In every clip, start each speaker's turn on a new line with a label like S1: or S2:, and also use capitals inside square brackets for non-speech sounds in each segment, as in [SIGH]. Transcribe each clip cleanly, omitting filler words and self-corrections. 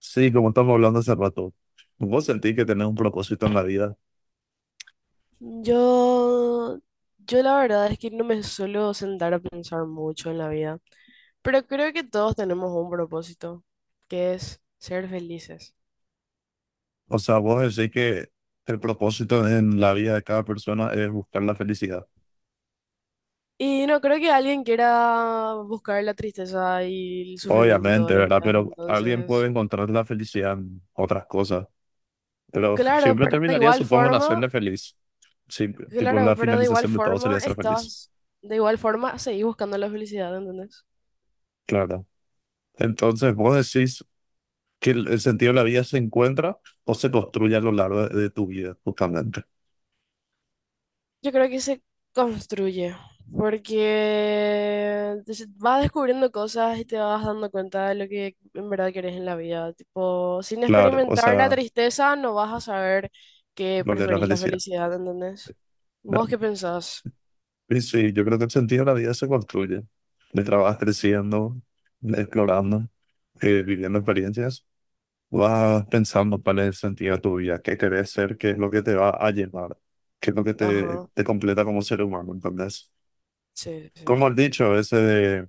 S1: Sí, como estamos hablando hace rato, vos sentís que tenés un propósito en la vida.
S2: Yo, yo, la verdad es que no me suelo sentar a pensar mucho en la vida, pero creo que todos tenemos un propósito, que es ser felices.
S1: O sea, vos decís que el propósito en la vida de cada persona es buscar la felicidad.
S2: Y no creo que alguien quiera buscar la tristeza y el sufrimiento todos
S1: Obviamente,
S2: los
S1: ¿verdad?
S2: días.
S1: Pero alguien puede
S2: Entonces,
S1: encontrar la felicidad en otras cosas. Pero
S2: claro,
S1: siempre
S2: pero de
S1: terminaría,
S2: igual
S1: supongo, en
S2: forma,
S1: hacerle feliz. Sí, tipo,
S2: claro,
S1: la
S2: pero de igual
S1: finalización de todo sería
S2: forma
S1: ser feliz.
S2: estás, de igual forma seguís buscando la felicidad, ¿entendés?
S1: Claro. Entonces, vos decís que el sentido de la vida se encuentra o se construye a lo largo de tu vida, justamente.
S2: Yo creo que se construye, porque vas descubriendo cosas y te vas dando cuenta de lo que en verdad querés en la vida. Tipo, sin
S1: Claro, o
S2: experimentar la
S1: sea,
S2: tristeza no vas a saber que
S1: lo que es la
S2: preferís la
S1: felicidad,
S2: felicidad, ¿entendés? ¿Vos qué
S1: ¿no?
S2: pensás?
S1: Sí, sí, yo creo que el sentido de la vida se construye. Le trabajas creciendo, explorando, viviendo experiencias. Vas pensando cuál es el sentido de tu vida, qué querés ser, qué es lo que te va a llenar, qué es lo que
S2: Ajá,
S1: te completa como ser humano. Entonces,
S2: sí, sí.
S1: como has dicho, ese de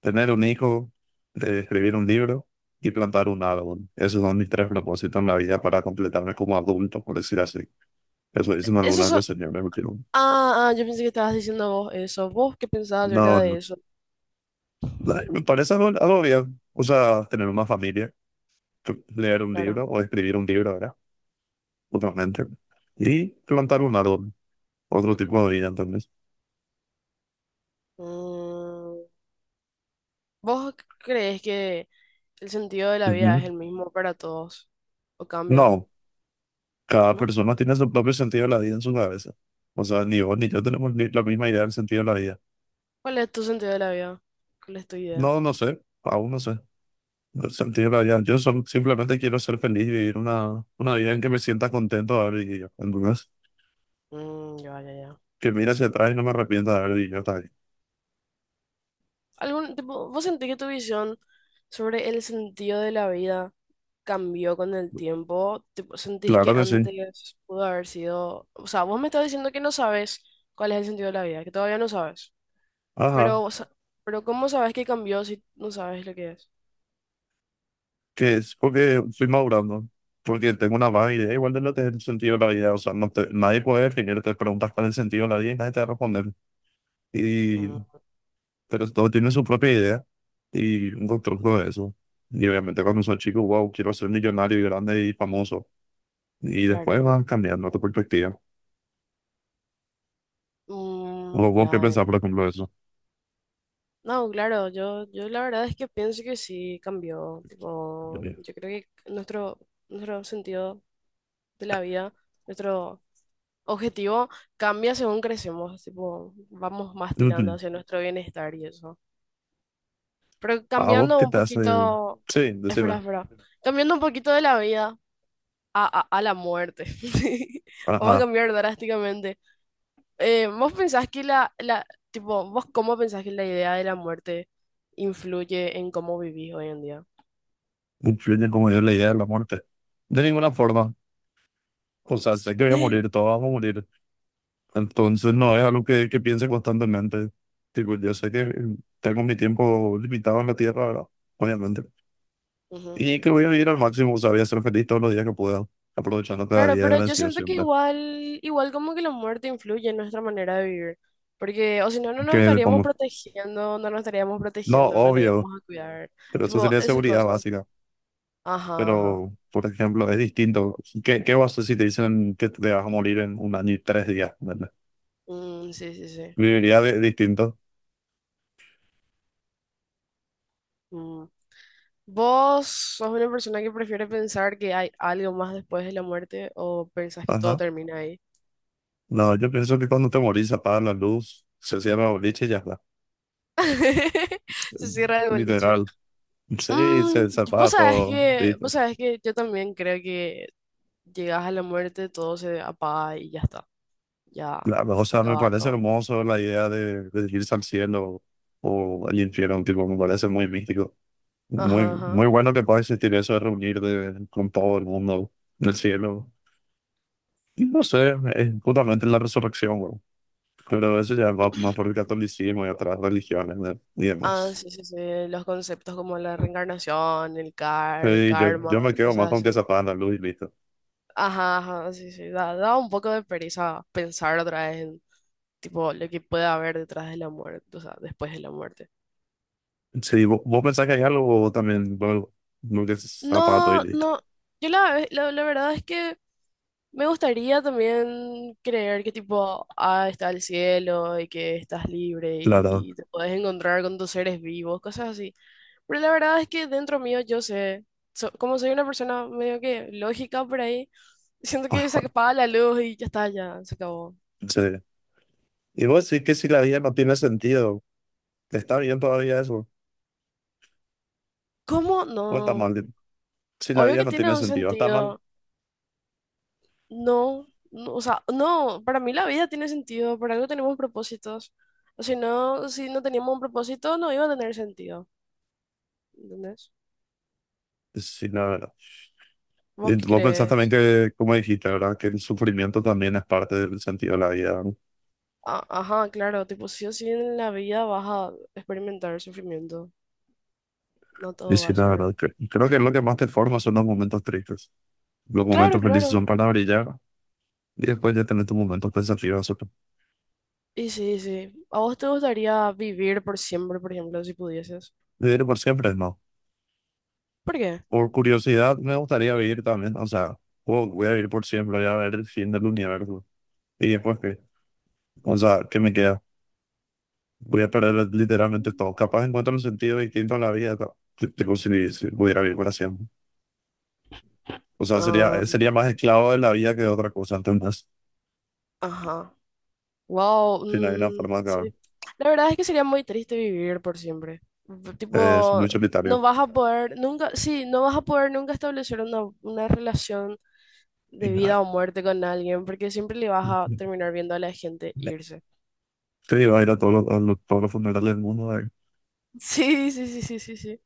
S1: tener un hijo, de escribir un libro y plantar un árbol. Esos son mis tres propósitos en la vida para completarme como adulto, por decir así. Eso dicen
S2: Eso
S1: algunas de
S2: so-
S1: los señores. Pero
S2: Ah, ah, yo pensé que estabas diciendo vos eso. ¿Vos qué pensabas
S1: no,
S2: acerca de
S1: no,
S2: eso?
S1: ay, me parece algo, algo bien. O sea, tener una familia, leer un
S2: Claro.
S1: libro o escribir un libro, ¿verdad? Totalmente. Y plantar un árbol, otro tipo de vida, entonces.
S2: Mm, ¿vos crees que el sentido de la vida es
S1: Ujú.
S2: el mismo para todos? ¿O cambia?
S1: No, cada
S2: ¿No?
S1: persona tiene su propio sentido de la vida en su cabeza. O sea, ni vos ni yo tenemos la misma idea del sentido de la vida.
S2: ¿Cuál es tu sentido de la vida? ¿Cuál es tu idea?
S1: No, no sé, aún no sé. El sentido de la vida. Simplemente quiero ser feliz y vivir una vida en que me sienta contento de haber vivido. Entonces,
S2: Mm, ya, ya, ya.
S1: que mira hacia atrás y no me arrepienta de haber vivido, está bien.
S2: ¿Algún tipo, vos sentís que tu visión sobre el sentido de la vida cambió con el tiempo? Tipo, ¿sentís que
S1: Claro que sí.
S2: antes pudo haber sido, o sea, vos me estás diciendo que no sabes cuál es el sentido de la vida, que todavía no sabes, pero,
S1: Ajá.
S2: o sea, pero ¿cómo sabes que cambió si no sabes lo que es?
S1: Que es porque estoy madurando, porque tengo una vaga idea igual de lo que es el sentido de la vida, o sea, nadie puede definirte, preguntas cuál es el sentido de la vida y nadie te va a responder, y,
S2: Mm,
S1: pero todo tiene su propia idea y un constructo de eso. Y obviamente cuando soy chico, wow, quiero ser millonario y grande y famoso, y
S2: claro,
S1: después
S2: claro.
S1: vas cambiando tu perspectiva.
S2: Mm,
S1: ¿Vos qué
S2: ya.
S1: pensás, por ejemplo, de eso?
S2: No, claro, yo la verdad es que pienso que sí cambió. Tipo, yo
S1: [LAUGHS]
S2: creo que nuestro, nuestro sentido de la vida, nuestro objetivo cambia según crecemos. Tipo, vamos más tirando
S1: Ujú.
S2: hacia nuestro bienestar y eso. Pero
S1: ¿A vos
S2: cambiando
S1: qué
S2: un
S1: te hace?
S2: poquito,
S1: Sí,
S2: espera,
S1: decime.
S2: espera, cambiando un poquito de la vida a la muerte. [LAUGHS] Vamos a
S1: Ajá,
S2: cambiar drásticamente. ¿Vos pensás que tipo, vos cómo pensás que la idea de la muerte influye en cómo vivís hoy en día?
S1: influye como yo la idea de la muerte. De ninguna forma. O sea, sé que voy a morir,
S2: [LAUGHS]
S1: todos vamos a morir. Entonces, no es algo que piense constantemente. Tipo, yo sé que tengo mi tiempo limitado en la tierra, ¿verdad? Obviamente.
S2: Ujú.
S1: Y que voy a vivir al máximo, o sea, voy a ser feliz todos los días que pueda, aprovechando cada
S2: Claro,
S1: día y
S2: pero yo
S1: agradecido
S2: siento que
S1: siempre.
S2: igual, igual como que la muerte influye en nuestra manera de vivir, porque o si no,
S1: Que como,
S2: no nos estaríamos
S1: no,
S2: protegiendo, no nos
S1: obvio,
S2: íbamos a cuidar,
S1: pero eso
S2: tipo,
S1: sería
S2: esas
S1: seguridad
S2: cosas.
S1: básica.
S2: Ajá, ajá.
S1: Pero, por ejemplo, es distinto. ¿Qué vas a hacer si te dicen que te vas a morir en un año y tres días? ¿Verdad?
S2: Sí, sí, sí.
S1: Distinto.
S2: Mm. ¿Vos sos una persona que prefiere pensar que hay algo más después de la muerte o pensás que todo
S1: Ajá.
S2: termina ahí?
S1: No, yo pienso que cuando te morís, apagas la luz, se cierra el boliche y ya está.
S2: [LAUGHS] Se cierra el boliche.
S1: Literal. Sí,
S2: Mm,
S1: zapatos. Sí.
S2: vos sabés que yo también creo que llegas a la muerte, todo se apaga y ya está. Ya
S1: La, o
S2: se
S1: sea, me
S2: acaba
S1: parece
S2: todo.
S1: hermoso la idea de irse al cielo o al infierno, tipo, me parece muy místico.
S2: Ajá,
S1: Muy,
S2: ajá.
S1: muy bueno que pueda existir eso de con todo el mundo en el cielo. Y no sé, es justamente la resurrección, güey. Pero eso ya va más por el catolicismo y otras religiones, ¿no? Y
S2: Ah,
S1: demás.
S2: sí, sí, sí. Los conceptos como la reencarnación, el
S1: Sí,
S2: karma,
S1: yo me quedo más
S2: cosas
S1: con que se
S2: así.
S1: apagan la luz y listo.
S2: Ajá, ajá, sí, sí. Da un poco de pereza pensar otra vez en, tipo, lo que puede haber detrás de la muerte, o sea, después de la muerte.
S1: Sí, vos pensás que hay algo o también, bueno, no que es zapato y
S2: No,
S1: listo.
S2: no. Yo la, ve- la verdad es que me gustaría también creer que tipo, ah, está el cielo y que estás libre
S1: Claro.
S2: y, te puedes encontrar con tus seres vivos, cosas así. Pero la verdad es que dentro mío yo sé, como soy una persona medio que lógica por ahí, siento que se
S1: Ah,
S2: apaga la luz y ya está, ya se acabó.
S1: sí. Y vos sí que si la vida no tiene sentido, está bien todavía eso,
S2: ¿Cómo?
S1: o está
S2: No.
S1: mal. Si la
S2: Obvio
S1: vida
S2: que
S1: no
S2: tiene
S1: tiene
S2: un
S1: sentido, está mal.
S2: sentido. No, no, o sea, no, para mí la vida tiene sentido, por algo tenemos propósitos. O si no, si no teníamos un propósito, no iba a tener sentido. ¿Entendés?
S1: Sí, la verdad. Y
S2: ¿Vos qué
S1: vos pensás también
S2: crees?
S1: que, como dijiste, ¿verdad? Que el sufrimiento también es parte del sentido de la vida, ¿no?
S2: Ajá, claro, tipo, sí o sí en la vida vas a experimentar sufrimiento. No
S1: Y
S2: todo va
S1: sí,
S2: a
S1: la
S2: ser.
S1: verdad. Creo que lo que más te forma son los momentos tristes. Los
S2: Claro,
S1: momentos felices
S2: claro.
S1: son para brillar y después ya tener tus momentos pensativos, ¿no?
S2: Y sí, sí. ¿A vos te gustaría vivir por siempre, por ejemplo, si pudieses?
S1: Vivir por siempre, no.
S2: ¿Por qué?
S1: Por curiosidad, me gustaría vivir también. O sea, wow, voy a vivir por siempre, voy a ver el fin del universo. Y después, ¿qué? O sea, ¿qué me queda? Voy a perder literalmente todo. Capaz encuentro un sentido distinto en la vida, que si, si pudiera vivir para siempre. O sea, sería,
S2: Ah,
S1: sería más esclavo de la vida que de otra cosa, entonces,
S2: ajá. Wow.
S1: si no hay una
S2: Mm,
S1: forma de acabar.
S2: sí. La verdad es que sería muy triste vivir por siempre.
S1: Es
S2: Tipo,
S1: muy
S2: no
S1: solitario.
S2: vas a poder nunca, sí, no vas a poder nunca establecer una relación
S1: Y
S2: de
S1: nada.
S2: vida o muerte con alguien, porque siempre le vas a
S1: [LAUGHS]
S2: terminar viendo a la gente irse. [LAUGHS]
S1: Te digo, ir a todos los, todos los funerales del mundo, de
S2: Sí, sí, sí, sí, sí, sí.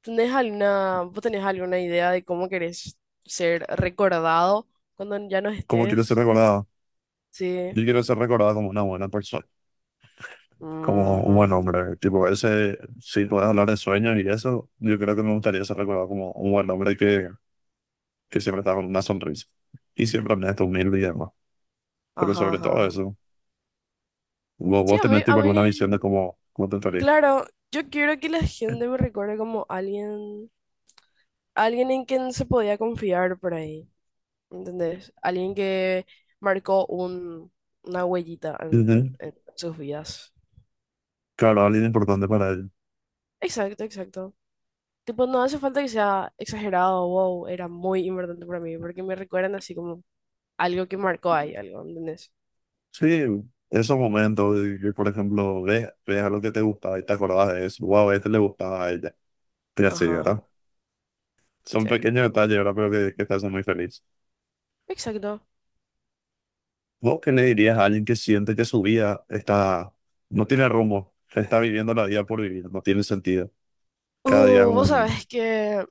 S2: ¿Tenés alguna, vos tenés alguna idea de cómo querés ser recordado cuando ya no
S1: cómo quiero ser
S2: estés?
S1: recordado.
S2: Sí.
S1: Yo quiero ser recordado como una buena persona, como un buen
S2: Ujú.
S1: hombre. Tipo, ese, si puedes hablar de sueños y eso, yo creo que me gustaría ser recordado como un buen hombre que siempre está con una sonrisa. Y siempre me humilde y demás. Pero
S2: Ajá,
S1: sobre todo
S2: ajá.
S1: eso, vos,
S2: Sí,
S1: vos tenés tipo alguna visión de cómo, cómo te estaría.
S2: claro, yo quiero que la gente me recuerde como alguien, alguien en quien se podía confiar por ahí, ¿entendés? Alguien que marcó un, una huellita en
S1: Ujú.
S2: en sus vidas.
S1: Claro, alguien importante para ellos.
S2: Exacto, exacto. Tipo, no hace falta que sea exagerado, wow, era muy importante para mí, porque me recuerdan así como algo que marcó ahí, algo, ¿entendés?
S1: Sí, esos momentos de que, por ejemplo, ves a lo que te gusta y te acordás de eso, wow, a este le gustaba a ella, y así,
S2: Ajá, ajá,
S1: ¿verdad? Son
S2: sí.
S1: pequeños detalles, ¿verdad? Pero que te hacen muy feliz.
S2: Exacto.
S1: ¿Vos qué le dirías a alguien que siente que su vida está, no tiene rumbo, está viviendo la vida por vivir, no tiene sentido? Cada día es,
S2: Vos
S1: un,
S2: sabés que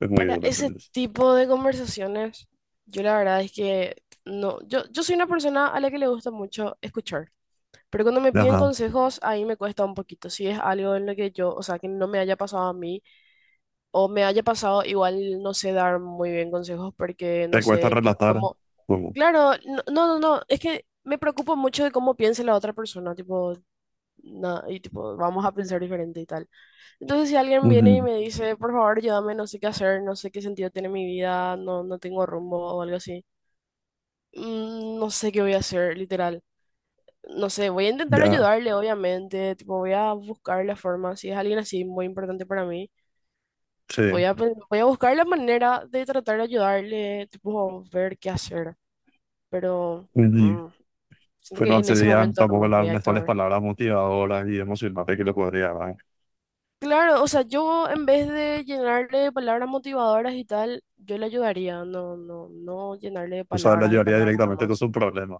S1: es muy
S2: para
S1: duro,
S2: ese
S1: ¿entendés?
S2: tipo de conversaciones, yo la verdad es que no, yo soy una persona a la que le gusta mucho escuchar, pero cuando me piden
S1: Ajá.
S2: consejos, ahí me cuesta un poquito, si es algo en lo que yo, o sea, que no me haya pasado a mí o me haya pasado, igual no sé dar muy bien consejos porque no
S1: Te cuesta
S2: sé
S1: relatar,
S2: cómo.
S1: como,
S2: Claro, no, no, no, no, es que me preocupo mucho de cómo piense la otra persona, tipo, y tipo, vamos a pensar diferente y tal. Entonces, si alguien viene y
S1: ujú,
S2: me dice, por favor, ayúdame, no sé qué hacer, no sé qué sentido tiene mi vida, no, no tengo rumbo o algo así, mm, no sé qué voy a hacer, literal. No sé, voy a intentar
S1: ya,
S2: ayudarle, obviamente, tipo, voy a buscar la forma, si es alguien así muy importante para mí.
S1: sí.
S2: Voy a buscar la manera de tratar de ayudarle, tipo, ver qué hacer, pero
S1: Y
S2: siento
S1: fue
S2: que en ese
S1: consideran
S2: momento
S1: tampoco
S2: nomás voy
S1: las
S2: a
S1: mejores
S2: actuar.
S1: palabras motivadoras y emocionantes que le podría dar.
S2: Claro, o sea, yo en vez de llenarle de palabras motivadoras y tal, yo le ayudaría, no llenarle de
S1: Tú sabes, la
S2: palabras y
S1: llevaría
S2: palabras
S1: directamente con
S2: nomás.
S1: su problema.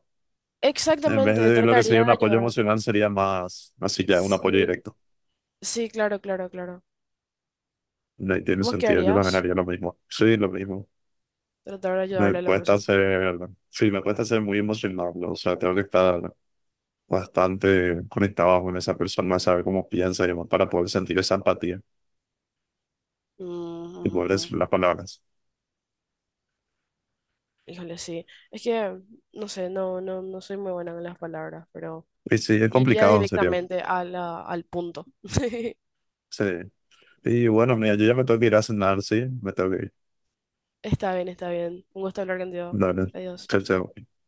S1: En vez
S2: Exactamente,
S1: de lo que
S2: trataría
S1: sería un
S2: de
S1: apoyo
S2: ayudar.
S1: emocional, sería más así ya, un apoyo
S2: Sí,
S1: directo.
S2: sí, claro, claro, claro.
S1: No tiene
S2: ¿Vos qué
S1: sentido, yo también
S2: harías?
S1: haría lo mismo. Sí, lo mismo.
S2: Tratar de
S1: Me
S2: ayudarle a la
S1: cuesta
S2: persona.
S1: ser, sí, me cuesta ser muy emocional, ¿no? O sea, tengo que estar bastante conectado con esa persona, saber cómo piensa y demás, para poder sentir esa empatía
S2: Mm, ujú,
S1: y poder
S2: ujú.
S1: decir las palabras.
S2: Híjole, sí. Es que, no sé, no soy muy buena con las palabras, pero...
S1: Y sí, es
S2: Iría
S1: complicado, en serio.
S2: directamente a al punto. [LAUGHS]
S1: Sí, y bueno, mira, yo ya me tengo que ir a cenar, sí, me tengo que ir.
S2: Está bien, está bien. Un gusto hablar contigo.
S1: Dale,
S2: Adiós.
S1: chao, chao.